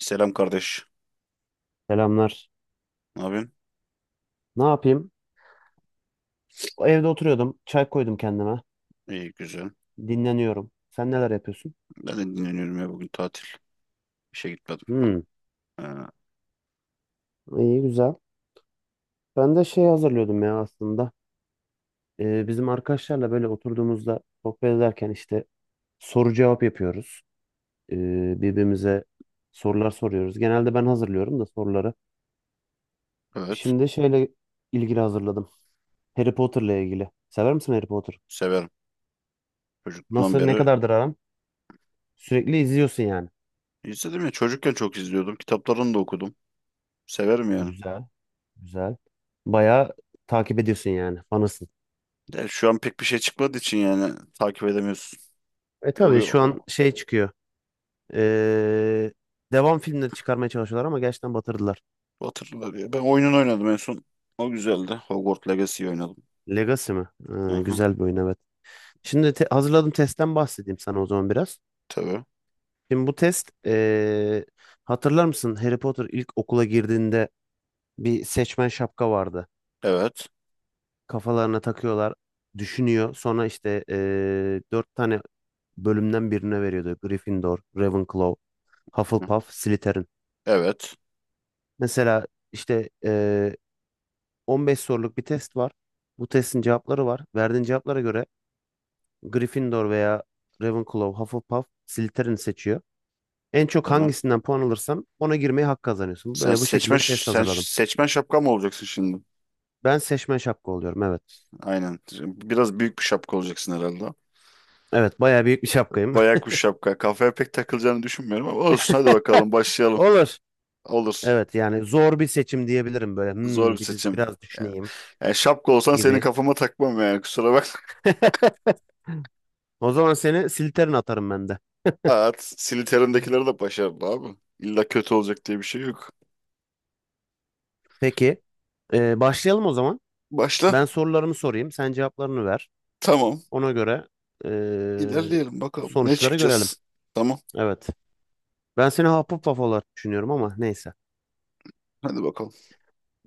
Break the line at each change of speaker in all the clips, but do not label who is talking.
Selam kardeş.
Selamlar.
Ne yapıyorsun?
Ne yapayım? Evde oturuyordum. Çay koydum kendime.
İyi güzel.
Dinleniyorum. Sen neler yapıyorsun?
Ben de dinleniyorum ya, bugün tatil. İşe gitmedim.
Hmm.
Ee,
İyi güzel. Ben de şey hazırlıyordum ya aslında. Bizim arkadaşlarla böyle oturduğumuzda sohbet ederken işte soru cevap yapıyoruz. Birbirimize sorular soruyoruz. Genelde ben hazırlıyorum da soruları.
evet.
Şimdi şeyle ilgili hazırladım. Harry Potter'la ilgili. Sever misin Harry Potter?
Severim. Çocukluğumdan
Nasıl ne
beri
kadardır aran? Sürekli izliyorsun yani.
izledim ya. Çocukken çok izliyordum. Kitaplarını da okudum. Severim yani.
Güzel. Güzel. Bayağı takip ediyorsun yani. Fanısın.
De şu an pek bir şey çıkmadığı için yani takip edemiyorsun.
E
Bir
tabii
oyu
şu an
o,
şey çıkıyor. Ee, Devam filmleri çıkarmaya çalışıyorlar ama gerçekten batırdılar.
o hatırlar ya. Ben oyunun oynadım en son. O güzeldi. Hogwarts Legacy oynadım.
Legacy mi?
Aha,
Güzel bir oyun, evet. Şimdi hazırladığım testten bahsedeyim sana o zaman biraz.
tabii.
Şimdi bu test, hatırlar mısın? Harry Potter ilk okula girdiğinde bir seçmen şapka vardı.
Evet.
Kafalarına takıyorlar. Düşünüyor. Sonra işte dört tane bölümden birine veriyordu. Gryffindor, Ravenclaw,
Hı hı.
Hufflepuff, Slytherin.
Evet.
Mesela işte 15 soruluk bir test var. Bu testin cevapları var. Verdiğin cevaplara göre Gryffindor veya Ravenclaw, Hufflepuff, Slytherin seçiyor. En çok
Tamam.
hangisinden puan alırsam ona girmeyi hak kazanıyorsun.
Sen
Böyle bu şekilde
seçmen
bir test
sen
hazırladım.
seçmen şapka mı olacaksın şimdi?
Ben seçmen şapka oluyorum, evet.
Aynen. Biraz büyük bir şapka olacaksın herhalde.
Evet, bayağı büyük bir şapkayım.
Bayağı kuş şapka. Kafaya pek takılacağını düşünmüyorum ama olsun, hadi bakalım, başlayalım.
Olur.
Olur.
Evet, yani zor bir seçim diyebilirim böyle.
Zor bir
Hmm, bir de
seçim.
biraz
Yani,
düşüneyim
yani şapka olsan senin
gibi.
kafama takmam, yani kusura bakma.
O zaman seni Slytherin atarım ben de.
At, Siliterim'dekileri de başarılı abi. İlla kötü olacak diye bir şey yok.
Peki. Başlayalım o zaman.
Başla.
Ben sorularımı sorayım. Sen cevaplarını ver.
Tamam.
Ona göre eee,
İlerleyelim bakalım. Ne
sonuçları görelim.
çıkacağız? Tamam.
Evet. Ben seni Hufflepuff olarak düşünüyorum ama neyse.
Hadi bakalım.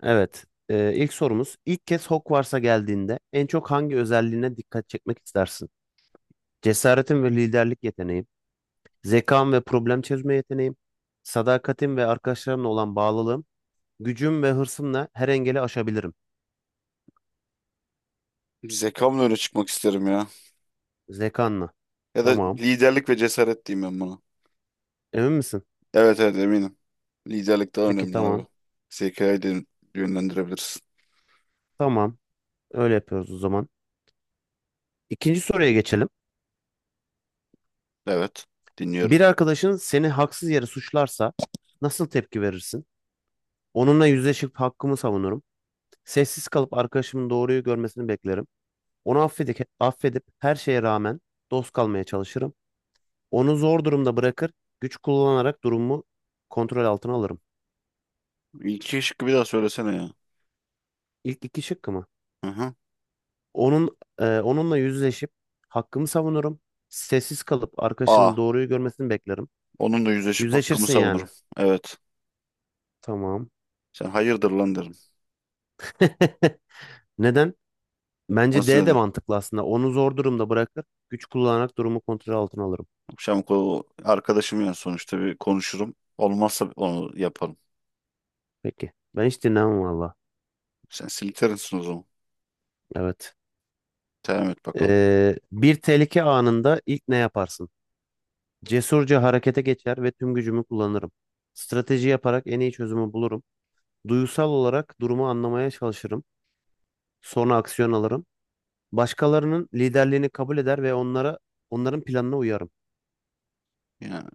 Evet. İlk sorumuz. İlk kez Hogwarts'a geldiğinde en çok hangi özelliğine dikkat çekmek istersin? Cesaretin ve liderlik yeteneğim, zekam ve problem çözme yeteneğim, sadakatim ve arkadaşlarımla olan bağlılığım, gücüm ve hırsımla her engeli aşabilirim.
Zekamla öne çıkmak isterim ya.
Zekanla.
Ya da
Tamam.
liderlik ve cesaret diyeyim ben buna.
Emin misin?
Evet, eminim. Liderlik daha
Peki,
önemli abi.
tamam.
Zekayı de yönlendirebilirsin.
Tamam. Öyle yapıyoruz o zaman. İkinci soruya geçelim.
Evet.
Bir
Dinliyorum.
arkadaşın seni haksız yere suçlarsa nasıl tepki verirsin? Onunla yüzleşip hakkımı savunurum. Sessiz kalıp arkadaşımın doğruyu görmesini beklerim. Onu affedip her şeye rağmen dost kalmaya çalışırım. Onu zor durumda bırakır, güç kullanarak durumu kontrol altına alırım.
İlki şıkkı bir daha söylesene ya.
İlk iki şıkkı mı?
Hı hı.
Onun, onunla yüzleşip hakkımı savunurum. Sessiz kalıp arkadaşımın
A.
doğruyu görmesini beklerim.
Onunla yüzleşip hakkımı
Yüzleşirsin yani.
savunurum. Evet.
Tamam.
Sen hayırdır lan derim.
Neden? Bence
Nasıl,
D de
neden?
mantıklı aslında. Onu zor durumda bırakır. Güç kullanarak durumu kontrol altına alırım.
Akşam arkadaşım ya, sonuçta bir konuşurum. Olmazsa onu yaparım.
Peki. Ben hiç dinlemem valla.
Sen silterinsin o zaman.
Evet.
Devam et bakalım.
Bir tehlike anında ilk ne yaparsın? Cesurca harekete geçer ve tüm gücümü kullanırım. Strateji yaparak en iyi çözümü bulurum. Duygusal olarak durumu anlamaya çalışırım. Sonra aksiyon alırım. Başkalarının liderliğini kabul eder ve onların planına uyarım.
Yani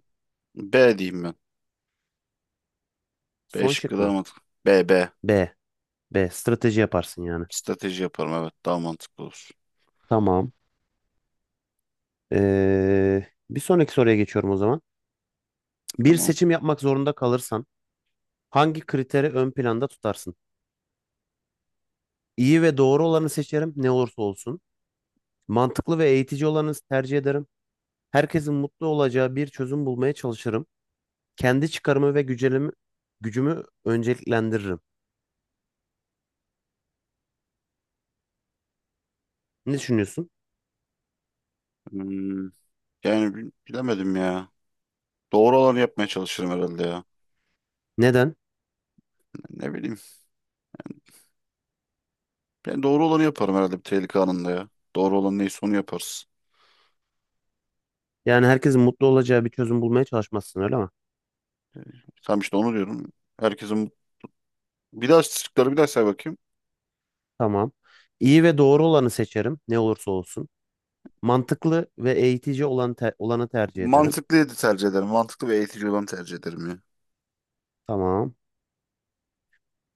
B diyeyim ben. B
Son
şıkkı
şık
daha
mı?
mantıklı. B, B.
B. B. Strateji yaparsın yani.
Strateji yaparım, evet, daha mantıklı olur.
Tamam. Bir sonraki soruya geçiyorum o zaman. Bir
Tamam.
seçim yapmak zorunda kalırsan hangi kriteri ön planda tutarsın? İyi ve doğru olanı seçerim ne olursa olsun. Mantıklı ve eğitici olanı tercih ederim. Herkesin mutlu olacağı bir çözüm bulmaya çalışırım. Kendi çıkarımı ve gücelimi, Gücümü önceliklendiririm. Ne düşünüyorsun?
Hmm, Bilemedim ya. Doğru olanı yapmaya çalışırım herhalde ya.
Neden?
Ne bileyim. Ben doğru olanı yaparım herhalde bir tehlike anında ya. Doğru olan neyse onu yaparız.
Yani herkesin mutlu olacağı bir çözüm bulmaya çalışmazsın öyle mi?
Tam işte onu diyorum. Herkesin, bir daha şıkları bir daha say bakayım.
Tamam. İyi ve doğru olanı seçerim ne olursa olsun. Mantıklı ve eğitici olanı tercih ederim.
Mantıklıydı tercih ederim. Mantıklı ve eğitici olanı tercih ederim ya.
Tamam.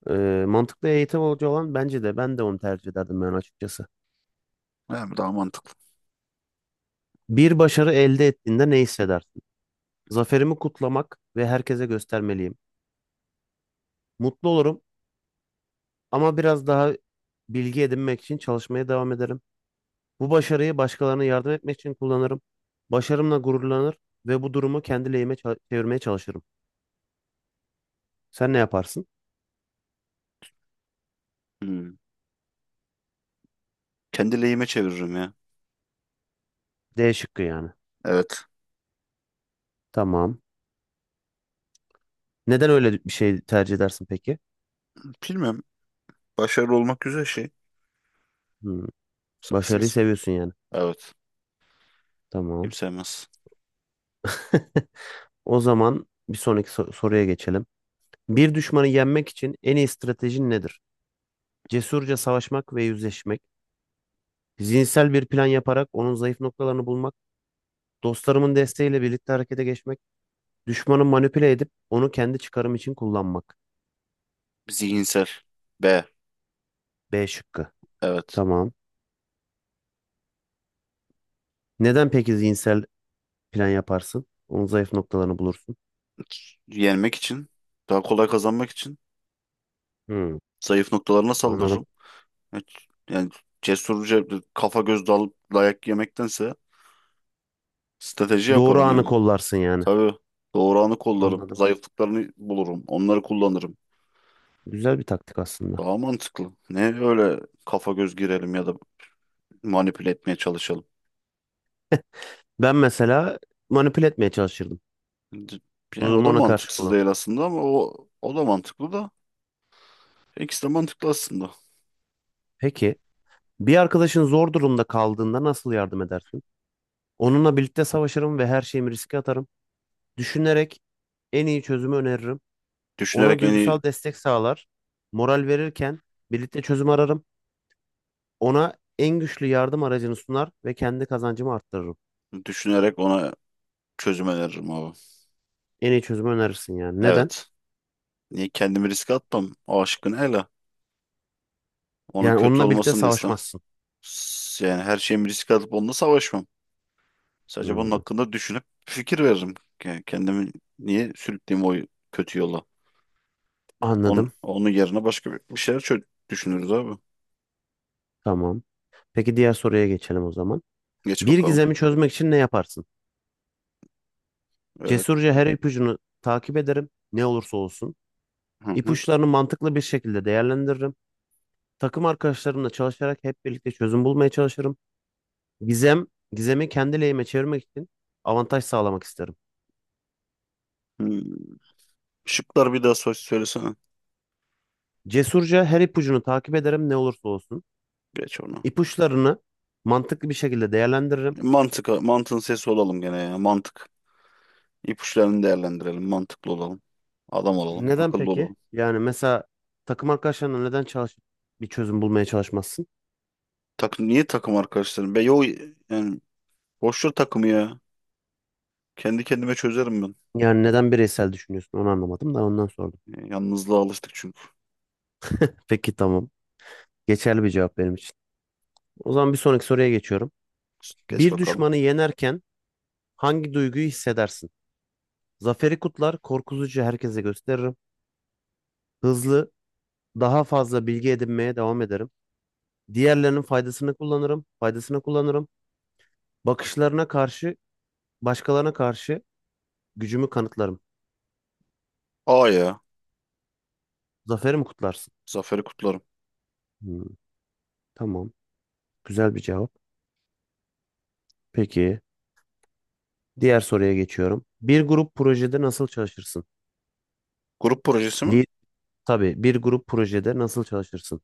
Mantıklı eğitim hoca olan bence de, ben de onu tercih ederdim ben açıkçası.
Yani daha mantıklı.
Bir başarı elde ettiğinde ne hissedersin? Zaferimi kutlamak ve herkese göstermeliyim. Mutlu olurum ama biraz daha bilgi edinmek için çalışmaya devam ederim. Bu başarıyı başkalarına yardım etmek için kullanırım. Başarımla gururlanır ve bu durumu kendi lehime çevirmeye çalışırım. Sen ne yaparsın?
Hmm. Kendi lehime çeviririm ya.
D şıkkı yani.
Evet.
Tamam. Neden öyle bir şey tercih edersin peki?
Bilmem. Başarılı olmak güzel şey.
Hmm, başarıyı
Successful.
seviyorsun yani.
Evet. Kim
Tamam.
sevmez.
O zaman bir sonraki soruya geçelim. Bir düşmanı yenmek için en iyi stratejin nedir? Cesurca savaşmak ve yüzleşmek, zihinsel bir plan yaparak onun zayıf noktalarını bulmak, dostlarımın desteğiyle birlikte harekete geçmek, düşmanı manipüle edip onu kendi çıkarım için kullanmak.
Zihinsel. B.
B şıkkı.
Evet.
Tamam. Neden peki zihinsel plan yaparsın? Onun zayıf noktalarını bulursun.
Yenmek için. Daha kolay kazanmak için.
Hmm,
Zayıf noktalarına
anladım.
saldırırım. Evet. Yani cesurca kafa göz dalıp dayak yemektense strateji
Doğru
yaparım
anı
yani.
kollarsın yani.
Tabii doğuranı kollarım,
Anladım.
zayıflıklarını bulurum, onları kullanırım.
Güzel bir taktik aslında.
Daha mantıklı. Ne öyle kafa göz girelim ya da manipüle etmeye çalışalım.
Ben mesela manipüle etmeye çalışırdım.
D-
Bu
Yani o
durumu
da
ona karşı
mantıksız değil
kullanırdım.
aslında, ama o da mantıklı da, İkisi de mantıklı aslında.
Peki, bir arkadaşın zor durumda kaldığında nasıl yardım edersin? Onunla birlikte savaşırım ve her şeyimi riske atarım. Düşünerek en iyi çözümü öneririm. Ona
Düşünerek en iyi
duygusal destek sağlar. Moral verirken birlikte çözüm ararım. Ona en güçlü yardım aracını sunar ve kendi kazancımı arttırırım.
Düşünerek ona çözüm öneririm abi.
En iyi çözümü önerirsin yani. Neden?
Evet. Niye kendimi riske atmam? O aşkın hele. Onun
Yani
kötü
onunla birlikte
olmasını da istemem.
savaşmazsın.
Yani her şeyimi riske atıp onunla savaşmam. Sadece bunun
Hmm,
hakkında düşünüp fikir veririm. Yani kendimi niye sürükleyeyim o kötü yola?
anladım.
Onun yerine başka bir şeyler düşünürüz abi.
Tamam. Peki, diğer soruya geçelim o zaman.
Geç
Bir
bakalım.
gizemi çözmek için ne yaparsın?
Evet.
Cesurca her ipucunu takip ederim. Ne olursa olsun.
Hı hı.
İpuçlarını mantıklı bir şekilde değerlendiririm. Takım arkadaşlarımla çalışarak hep birlikte çözüm bulmaya çalışırım. Gizem, Gizemi kendi lehime çevirmek için avantaj sağlamak isterim.
Hmm. Şıklar bir daha söylesene.
Cesurca her ipucunu takip ederim ne olursa olsun.
Geç onu.
İpuçlarını mantıklı bir şekilde değerlendiririm.
Mantığın sesi olalım gene ya. Mantık. İpuçlarını değerlendirelim. Mantıklı olalım. Adam olalım.
Neden
Akıllı
peki?
olalım.
Yani mesela takım arkadaşlarına neden çalışıp bir çözüm bulmaya çalışmazsın?
Takım, niye takım arkadaşlarım? Be yo, yani boş ver takımı ya. Kendi kendime çözerim ben.
Yani neden bireysel düşünüyorsun, onu anlamadım da ondan sordum.
Yalnızlığa alıştık çünkü.
Peki, tamam. Geçerli bir cevap benim için. O zaman bir sonraki soruya geçiyorum.
Geç
Bir
bakalım.
düşmanı yenerken hangi duyguyu hissedersin? Zaferi kutlar, korkutucu herkese gösteririm. Hızlı, daha fazla bilgi edinmeye devam ederim. Faydasını kullanırım. Bakışlarına karşı, Başkalarına karşı gücümü kanıtlarım.
A ya.
Zaferi mi kutlarsın?
Zaferi kutlarım.
Hmm, tamam, güzel bir cevap. Peki, diğer soruya geçiyorum. Bir grup projede nasıl çalışırsın?
Grup projesi mi?
Li tabii, bir grup projede nasıl çalışırsın?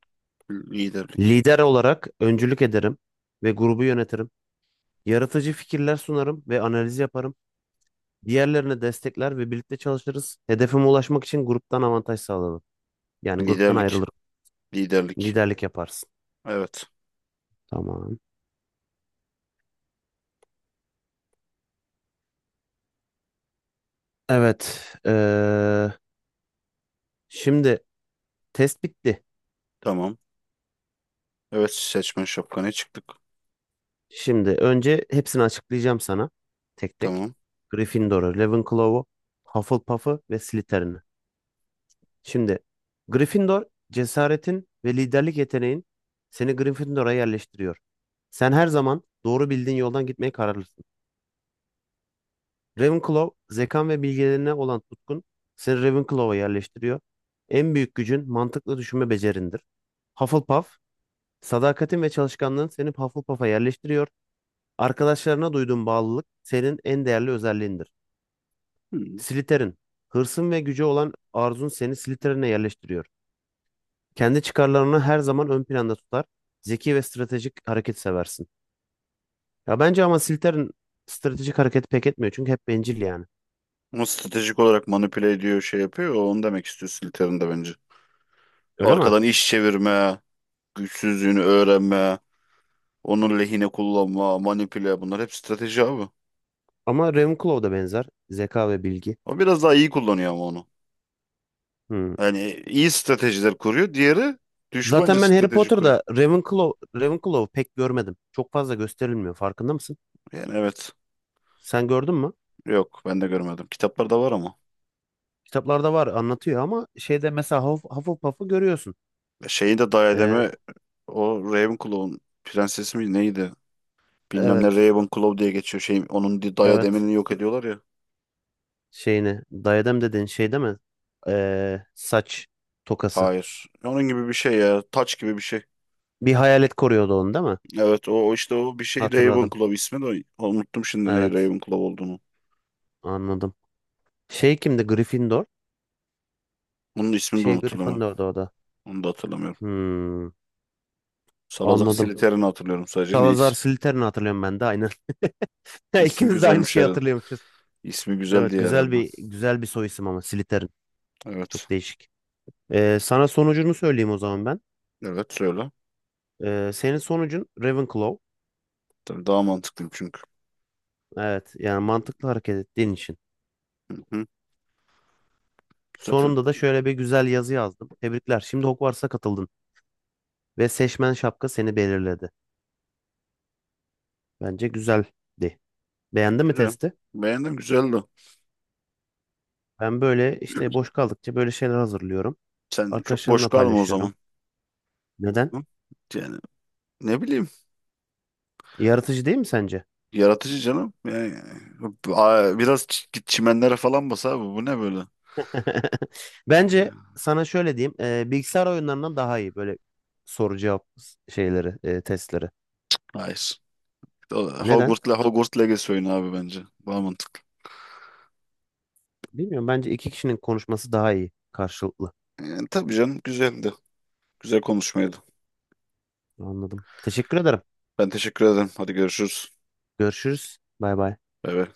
Liderlik.
Lider olarak öncülük ederim ve grubu yönetirim. Yaratıcı fikirler sunarım ve analiz yaparım. Diğerlerine destekler ve birlikte çalışırız. Hedefime ulaşmak için gruptan avantaj sağlarım. Yani gruptan
Liderlik.
ayrılırım.
Liderlik.
Liderlik yaparsın.
Evet.
Tamam. Evet. Şimdi test bitti.
Tamam. Evet, seçmen şapkana çıktık.
Şimdi önce hepsini açıklayacağım sana. Tek tek.
Tamam.
Gryffindor'u, Ravenclaw'u, Hufflepuff'u ve Slytherin'i. Şimdi Gryffindor, cesaretin ve liderlik yeteneğin seni Gryffindor'a yerleştiriyor. Sen her zaman doğru bildiğin yoldan gitmeye kararlısın. Ravenclaw, zekan ve bilgelerine olan tutkun seni Ravenclaw'a yerleştiriyor. En büyük gücün mantıklı düşünme becerindir. Hufflepuff, sadakatin ve çalışkanlığın seni Hufflepuff'a yerleştiriyor. Arkadaşlarına duyduğun bağlılık senin en değerli özelliğindir.
Hmm.
Slytherin, hırsın ve gücü olan arzun seni Slytherin'e yerleştiriyor. Kendi çıkarlarını her zaman ön planda tutar. Zeki ve stratejik hareket seversin. Ya bence ama Slytherin stratejik hareket pek etmiyor çünkü hep bencil yani.
Ama stratejik olarak manipüle ediyor, şey yapıyor. Onu demek istiyorsun, Slytherin bence.
Öyle mi?
Arkadan iş çevirme, güçsüzlüğünü öğrenme, onun lehine kullanma, manipüle, bunlar hep strateji abi.
Ama Ravenclaw da benzer. Zeka ve bilgi.
O biraz daha iyi kullanıyor ama onu.
Hmm.
Yani iyi stratejiler kuruyor. Diğeri düşmanca
Zaten ben Harry
strateji kuruyor.
Potter'da Ravenclaw pek görmedim. Çok fazla gösterilmiyor. Farkında mısın?
Yani evet.
Sen gördün mü?
Yok, ben de görmedim. Kitaplarda var ama.
Kitaplarda var, anlatıyor ama şeyde mesela Hufflepuff'ı görüyorsun.
Şeyi de
Ee,
diademi, o Ravenclaw'un prensesi mi neydi? Bilmem ne
evet.
Ravenclaw diye geçiyor. Şey, onun
Evet.
diademini yok ediyorlar ya.
Şeyini. Diadem dediğin şey değil mi? Saç tokası.
Hayır. Onun gibi bir şey ya. Taç gibi bir şey.
Bir hayalet koruyordu onu değil mi?
Evet o işte o bir şey
Hatırladım.
Ravenclaw, ismi de unuttum şimdi, ne
Evet.
Ravenclaw olduğunu.
Anladım. Şey kimdi? Gryffindor.
Onun ismini de
Şey
unutulamam.
Gryffindor'da o da.
Onu da hatırlamıyorum.
Hmm,
Salazar
anladım.
Slytherin'i hatırlıyorum sadece. Ne
Salazar Slytherin'i hatırlıyorum ben de aynen.
ismi
İkimiz de aynı
güzelmiş
şeyi
herhalde.
hatırlıyormuşuz.
İsmi güzel
Evet,
diye herhalde.
güzel bir soy isim ama Slytherin.
Evet.
Çok değişik. Sana sonucunu söyleyeyim o zaman ben.
Evet, söyle.
Senin sonucun Ravenclaw.
Tabii, daha mantıklıyım çünkü.
Evet, yani mantıklı hareket ettiğin için.
Hı. Zaten
Sonunda da şöyle bir güzel yazı yazdım. Tebrikler. Şimdi Hogwarts'a katıldın ve seçmen şapka seni belirledi. Bence güzeldi. Beğendin mi
güzel.
testi?
Beğendim, güzeldi.
Ben böyle işte boş kaldıkça böyle şeyler hazırlıyorum.
Sen çok boş
Arkadaşlarımla
kalma o
paylaşıyorum.
zaman.
Neden?
Hı? Yani ne bileyim,
Yaratıcı değil mi sence?
yaratıcı canım. Yani biraz git çimenlere falan bas abi. Bu ne böyle?
Bence sana şöyle diyeyim. Bilgisayar oyunlarından daha iyi böyle soru cevap şeyleri, testleri.
Hayır.
Neden?
Hogwarts Legacy oyunu abi bence. Daha mantıklı.
Bilmiyorum. Bence iki kişinin konuşması daha iyi karşılıklı.
Yani, tabii canım, güzeldi. Güzel konuşmaydı.
Anladım. Teşekkür ederim.
Ben teşekkür ederim. Hadi görüşürüz.
Görüşürüz. Bay bay.
Bay bay.